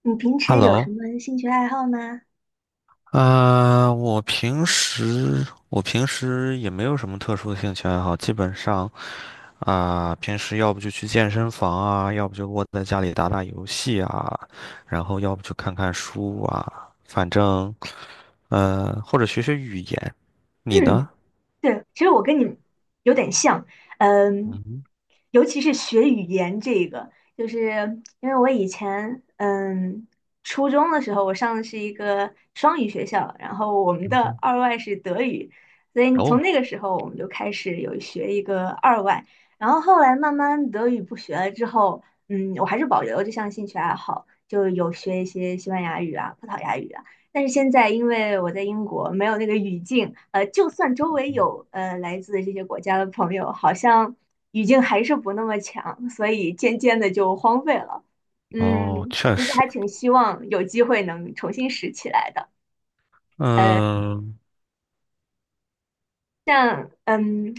你平时有什 Hello，么兴趣爱好吗？我平时也没有什么特殊的兴趣爱好，基本上啊、平时要不就去健身房啊，要不就窝在家里打打游戏啊，然后要不就看看书啊，反正或者学学语言。你嗯，呢？对，其实我跟你有点像。嗯，嗯，尤其是学语言这个，就是因为我以前，初中的时候我上的是一个双语学校，然后我们嗯的哼，二外是德语，所以从哦，那个时候我们就开始有学一个二外。然后后来慢慢德语不学了之后，嗯，我还是保留这项兴趣爱好，就有学一些西班牙语啊、葡萄牙语啊。但是现在因为我在英国，没有那个语境，就算周围有来自这些国家的朋友，好像语境还是不那么强，所以渐渐的就荒废了。哦，嗯，确其实实，还挺希望有机会能重新拾起来的。嗯，像嗯，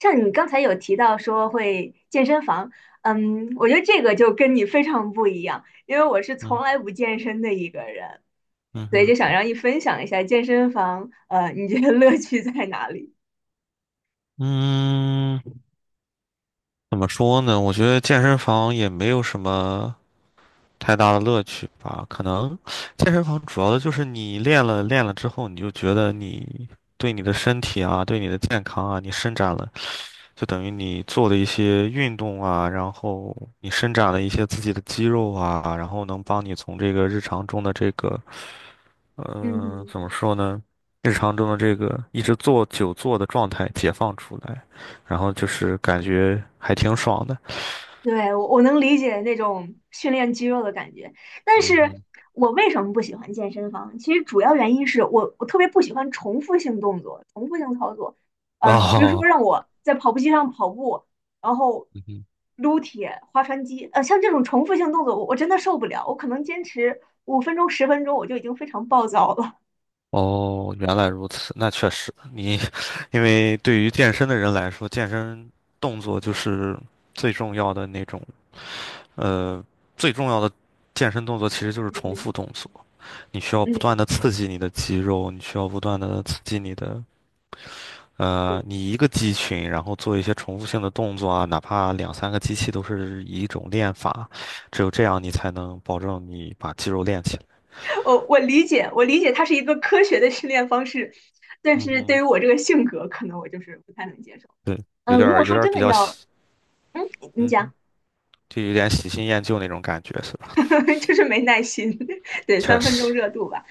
像你刚才有提到说会健身房，嗯，我觉得这个就跟你非常不一样，因为我是从嗯，来不健身的一个人，嗯所以哼，就想让你分享一下健身房，你觉得乐趣在哪里？嗯。怎么说呢？我觉得健身房也没有什么太大的乐趣吧。可能健身房主要的就是你练了之后，你就觉得你对你的身体啊，对你的健康啊，你伸展了，就等于你做的一些运动啊，然后你伸展了一些自己的肌肉啊，然后能帮你从这个日常中的这个，嗯，怎么说呢？日常中的这个一直坐久坐的状态解放出来，然后就是感觉还挺爽的。对，我能理解那种训练肌肉的感觉，但是嗯哼，我为什么不喜欢健身房？其实主要原因是我特别不喜欢重复性动作，嗯，比如说哦，让我在跑步机上跑步，然后嗯哼，撸铁、划船机，像这种重复性动作，我真的受不了，我可能坚持5分钟、10分钟，我就已经非常暴躁了。哦，原来如此，那确实，你 因为对于健身的人来说，健身动作就是最重要的那种，呃，最重要的健身动作其实就是重嗯复动作，你需要不断嗯，的刺激你的肌肉，你需要不断的刺激你的，你一个肌群，然后做一些重复性的动作啊，哪怕两三个机器都是一种练法，只有这样你才能保证你把肌肉练起来。我理解，我理解它是一个科学的训练方式，但嗯是对哼。于我这个性格，可能我就是不太能接受。对，有嗯，点如儿果有说点儿真比的较要，喜，嗯，你嗯哼，讲，就有点喜新厌旧那种感觉是吧？就是没耐心，对，确3分钟实，热度吧。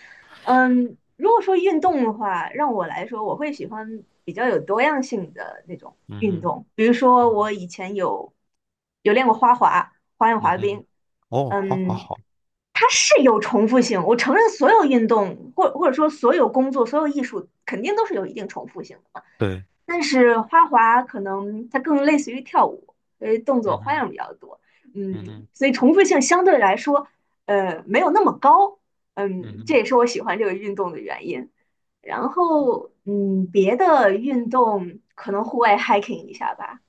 嗯，如果说运动的话，让我来说，我会喜欢比较有多样性的那种嗯运哼，动，比如说嗯哼，我以前有练过花滑、花样嗯滑哼，冰。哦，好好嗯，好，它是有重复性，我承认所有运动或者说所有工作、所有艺术肯定都是有一定重复性的。对，但是花滑可能它更类似于跳舞，因为动作嗯花哼，样比较多，嗯嗯，哼，所以重复性相对来说，没有那么高。嗯嗯，这哼，也是我喜欢这个运动的原因。然后，嗯，别的运动可能户外 hiking 一下吧，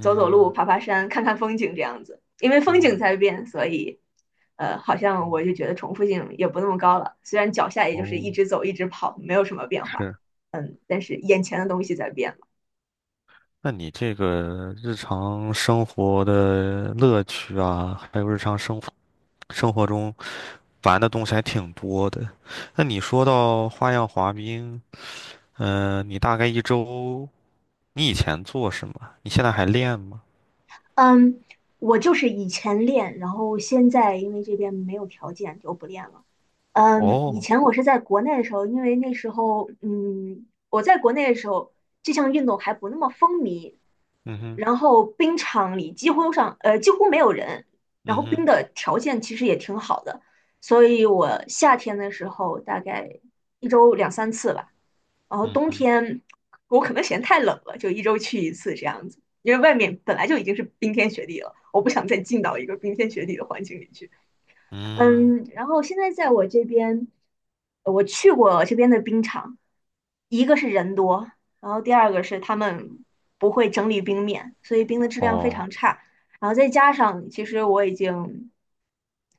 走走路、爬爬山、看看风景这样子，嗯，因为风景嗯，在变，所以，好像我嗯，就觉得重复性也不那么高了。虽然脚下也就是哦，一直走、一直跑，没有什么变化，是。嗯，但是眼前的东西在变。那你这个日常生活的乐趣啊，还有日常生活中玩的东西还挺多的。那你说到花样滑冰，嗯，你大概一周，你以前做什么？你现在还练吗？嗯，我就是以前练，然后现在因为这边没有条件就不练了。嗯，哦，以前我是在国内的时候，因为那时候，我在国内的时候，这项运动还不那么风靡，嗯哼，然后冰场里几乎没有人，然嗯后冰哼，的条件其实也挺好的，所以我夏天的时候大概一周2、3次吧，然后嗯冬哼，天我可能嫌太冷了，就一周去一次这样子，因为外面本来就已经是冰天雪地了，我不想再进到一个冰天雪地的环境里去。嗯，嗯，然后现在在我这边，我去过这边的冰场，一个是人多，然后第二个是他们不会整理冰面，所以冰的质量非哦，常差。然后再加上，其实我已经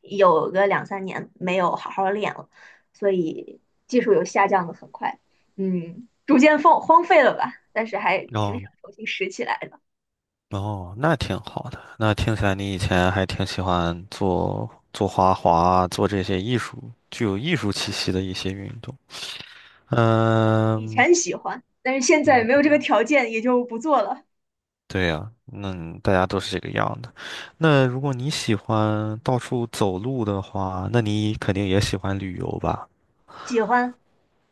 有个2、3年没有好好练了，所以技术有下降的很快，嗯，逐渐放荒废了吧。但是还挺哦，想重新拾起来的。哦，那挺好的。那听起来你以前还挺喜欢做做花滑，做这些艺术，具有艺术气息的一些运动。以嗯，前喜欢，但是现在嗯，没有这个条件，也就不做了。对呀，那大家都是这个样的。那如果你喜欢到处走路的话，那你肯定也喜欢旅游吧？喜欢，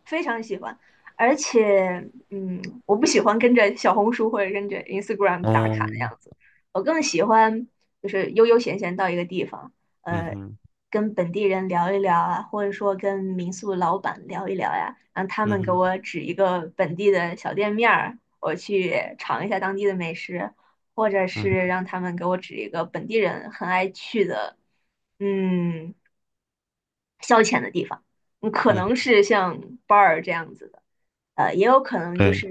非常喜欢。而且，嗯，我不喜欢跟着小红书或者跟着 Instagram 打哦，卡的样子，我更喜欢就是悠悠闲闲到一个地方，嗯呃，哼，跟本地人聊一聊啊，或者说跟民宿老板聊一聊呀，让他嗯们给哼，我指一个本地的小店面儿，我去尝一下当地的美食，或者嗯是哼，让他们给我指一个本地人很爱去的，嗯，消遣的地方。嗯可嗯，能是像 bar 这样子的，也有可能就对，是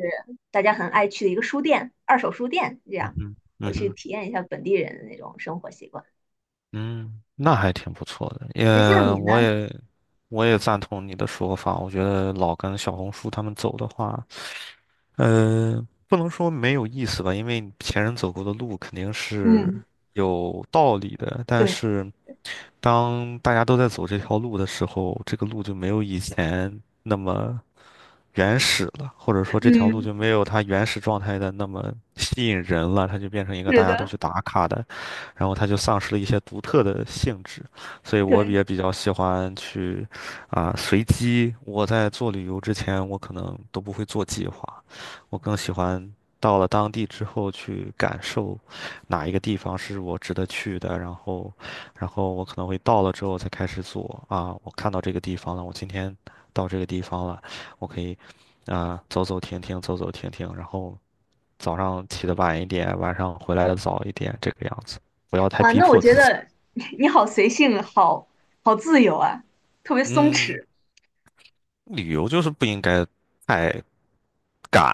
大家很爱去的一个书店，二手书店这嗯样，哼，我嗯去哼。体验一下本地人的那种生活习惯。嗯，那还挺不错的，也那像你呢？我也我也赞同你的说法。我觉得老跟小红书他们走的话，嗯，不能说没有意思吧，因为前人走过的路肯定是嗯，有道理的，但对，是。当大家都在走这条路的时候，这个路就没有以前那么原始了，或者说这条路嗯，就没有它原始状态的那么吸引人了，它就变成一个是大家都的，去打卡的，然后它就丧失了一些独特的性质。所以对，我也比较喜欢去啊、随机。我在做旅游之前，我可能都不会做计划，我更喜欢。到了当地之后，去感受哪一个地方是我值得去的，然后然后我可能会到了之后才开始做啊，我看到这个地方了，我今天到这个地方了，我可以啊、走走停停，走走停停，然后早上起得晚一点，晚上回来的早一点，这个样子，不要太哇，逼那我迫觉自己。得 你好随性啊，好自由啊，特别松嗯，弛。旅游就是不应该太赶，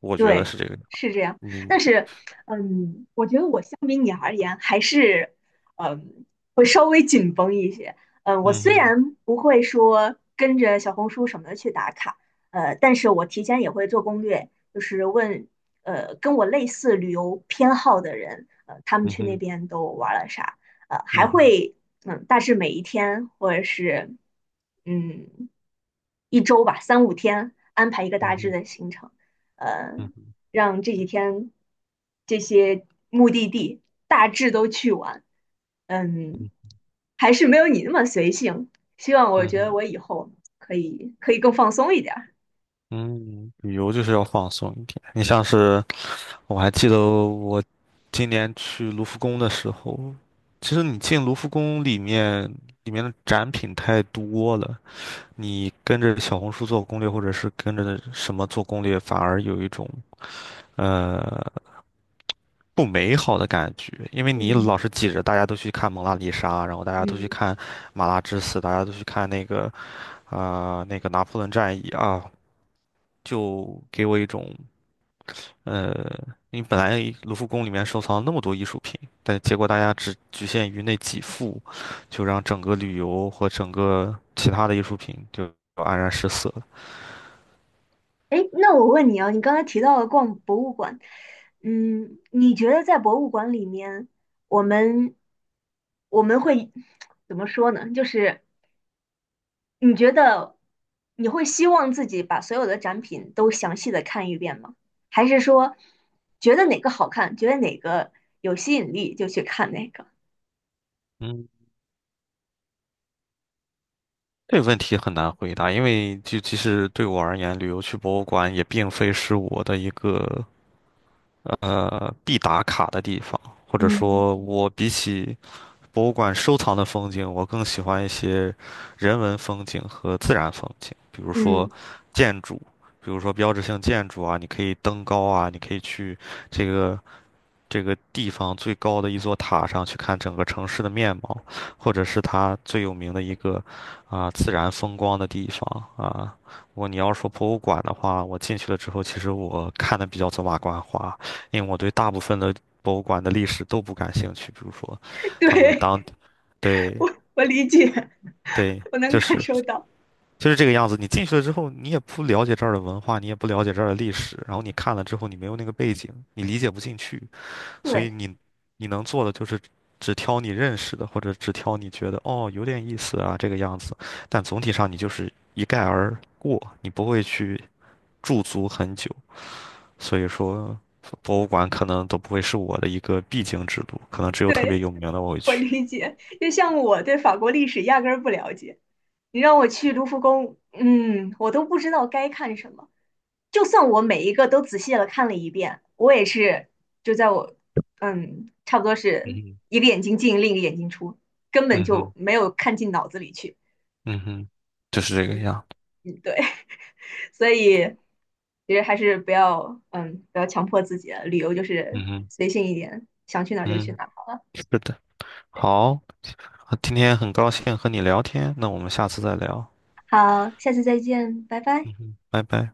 我觉得对，是这个样是这样。你，但是，嗯，我觉得我相比你而言，还是，嗯，会稍微紧绷一些。嗯，我嗯虽哼，然不会说跟着小红书什么的去打卡，但是我提前也会做攻略，就是问，跟我类似旅游偏好的人，他们嗯去那哼，边都玩了啥，呃，还嗯哼，会，嗯，大致每一天或者是，嗯，一周吧，3到5天安排一个嗯大致哼，的行程。呃，嗯哼，让这几天这些目的地大致都去完。嗯，嗯哼，还是没有你那么随性。希望我嗯觉哼，得我以后可以更放松一点儿。嗯，旅游就是要放松一点。你像是。我还记得我今年去卢浮宫的时候，其实你进卢浮宫里面，里面的展品太多了，你跟着小红书做攻略，或者是跟着什么做攻略，反而有一种呃不美好的感觉，因为你嗯老是挤着，大家都去看蒙娜丽莎，然后大家都去嗯，看马拉之死，大家都去看那个啊、那个拿破仑战役啊，就给我一种。呃，因为本来卢浮宫里面收藏了那么多艺术品，但结果大家只局限于那几幅，就让整个旅游和整个其他的艺术品就黯然失色了。哎，那我问你啊，你刚才提到了逛博物馆，嗯，你觉得在博物馆里面，我们我们会 怎么说呢？就是你觉得你会希望自己把所有的展品都详细的看一遍吗？还是说觉得哪个好看，觉得哪个有吸引力就去看哪个？嗯，这个问题很难回答，因为就其实对我而言，旅游去博物馆也并非是我的一个必打卡的地方，或者嗯说，我比起博物馆收藏的风景，我更喜欢一些人文风景和自然风景，比如说嗯，建筑，比如说标志性建筑啊，你可以登高啊，你可以去这个这个地方最高的一座塔上去看整个城市的面貌，或者是它最有名的一个啊、自然风光的地方啊。如果你要说博物馆的话，我进去了之后，其实我看的比较走马观花，因为我对大部分的博物馆的历史都不感兴趣，比如说 他们有对，当对，我理解，对，我能就感是，受到。就是这个样子。你进去了之后，你也不了解这儿的文化，你也不了解这儿的历史，然后你看了之后，你没有那个背景，你理解不进去，所以对，你你能做的就是只挑你认识的，或者只挑你觉得哦有点意思啊这个样子，但总体上你就是一概而过，你不会去驻足很久。所以说，博物馆可能都不会是我的一个必经之路，可能只有特别对，有名的我会我去。理解。就像我对法国历史压根儿不了解，你让我去卢浮宫，嗯，我都不知道该看什么。就算我每一个都仔细的看了一遍，我也是就在我嗯，差不多嗯是哼。一个眼睛进，另一个眼睛出，根本嗯就哼，没有看进脑子里去。嗯哼，就是这个嗯，样。嗯，对，所以其实还是不要强迫自己了，旅游就是嗯哼。随性一点，想去哪儿就去嗯，哪儿。是的，好，今天很高兴和你聊天，那我们下次再聊。好，下次再见，拜拜。嗯哼，拜拜。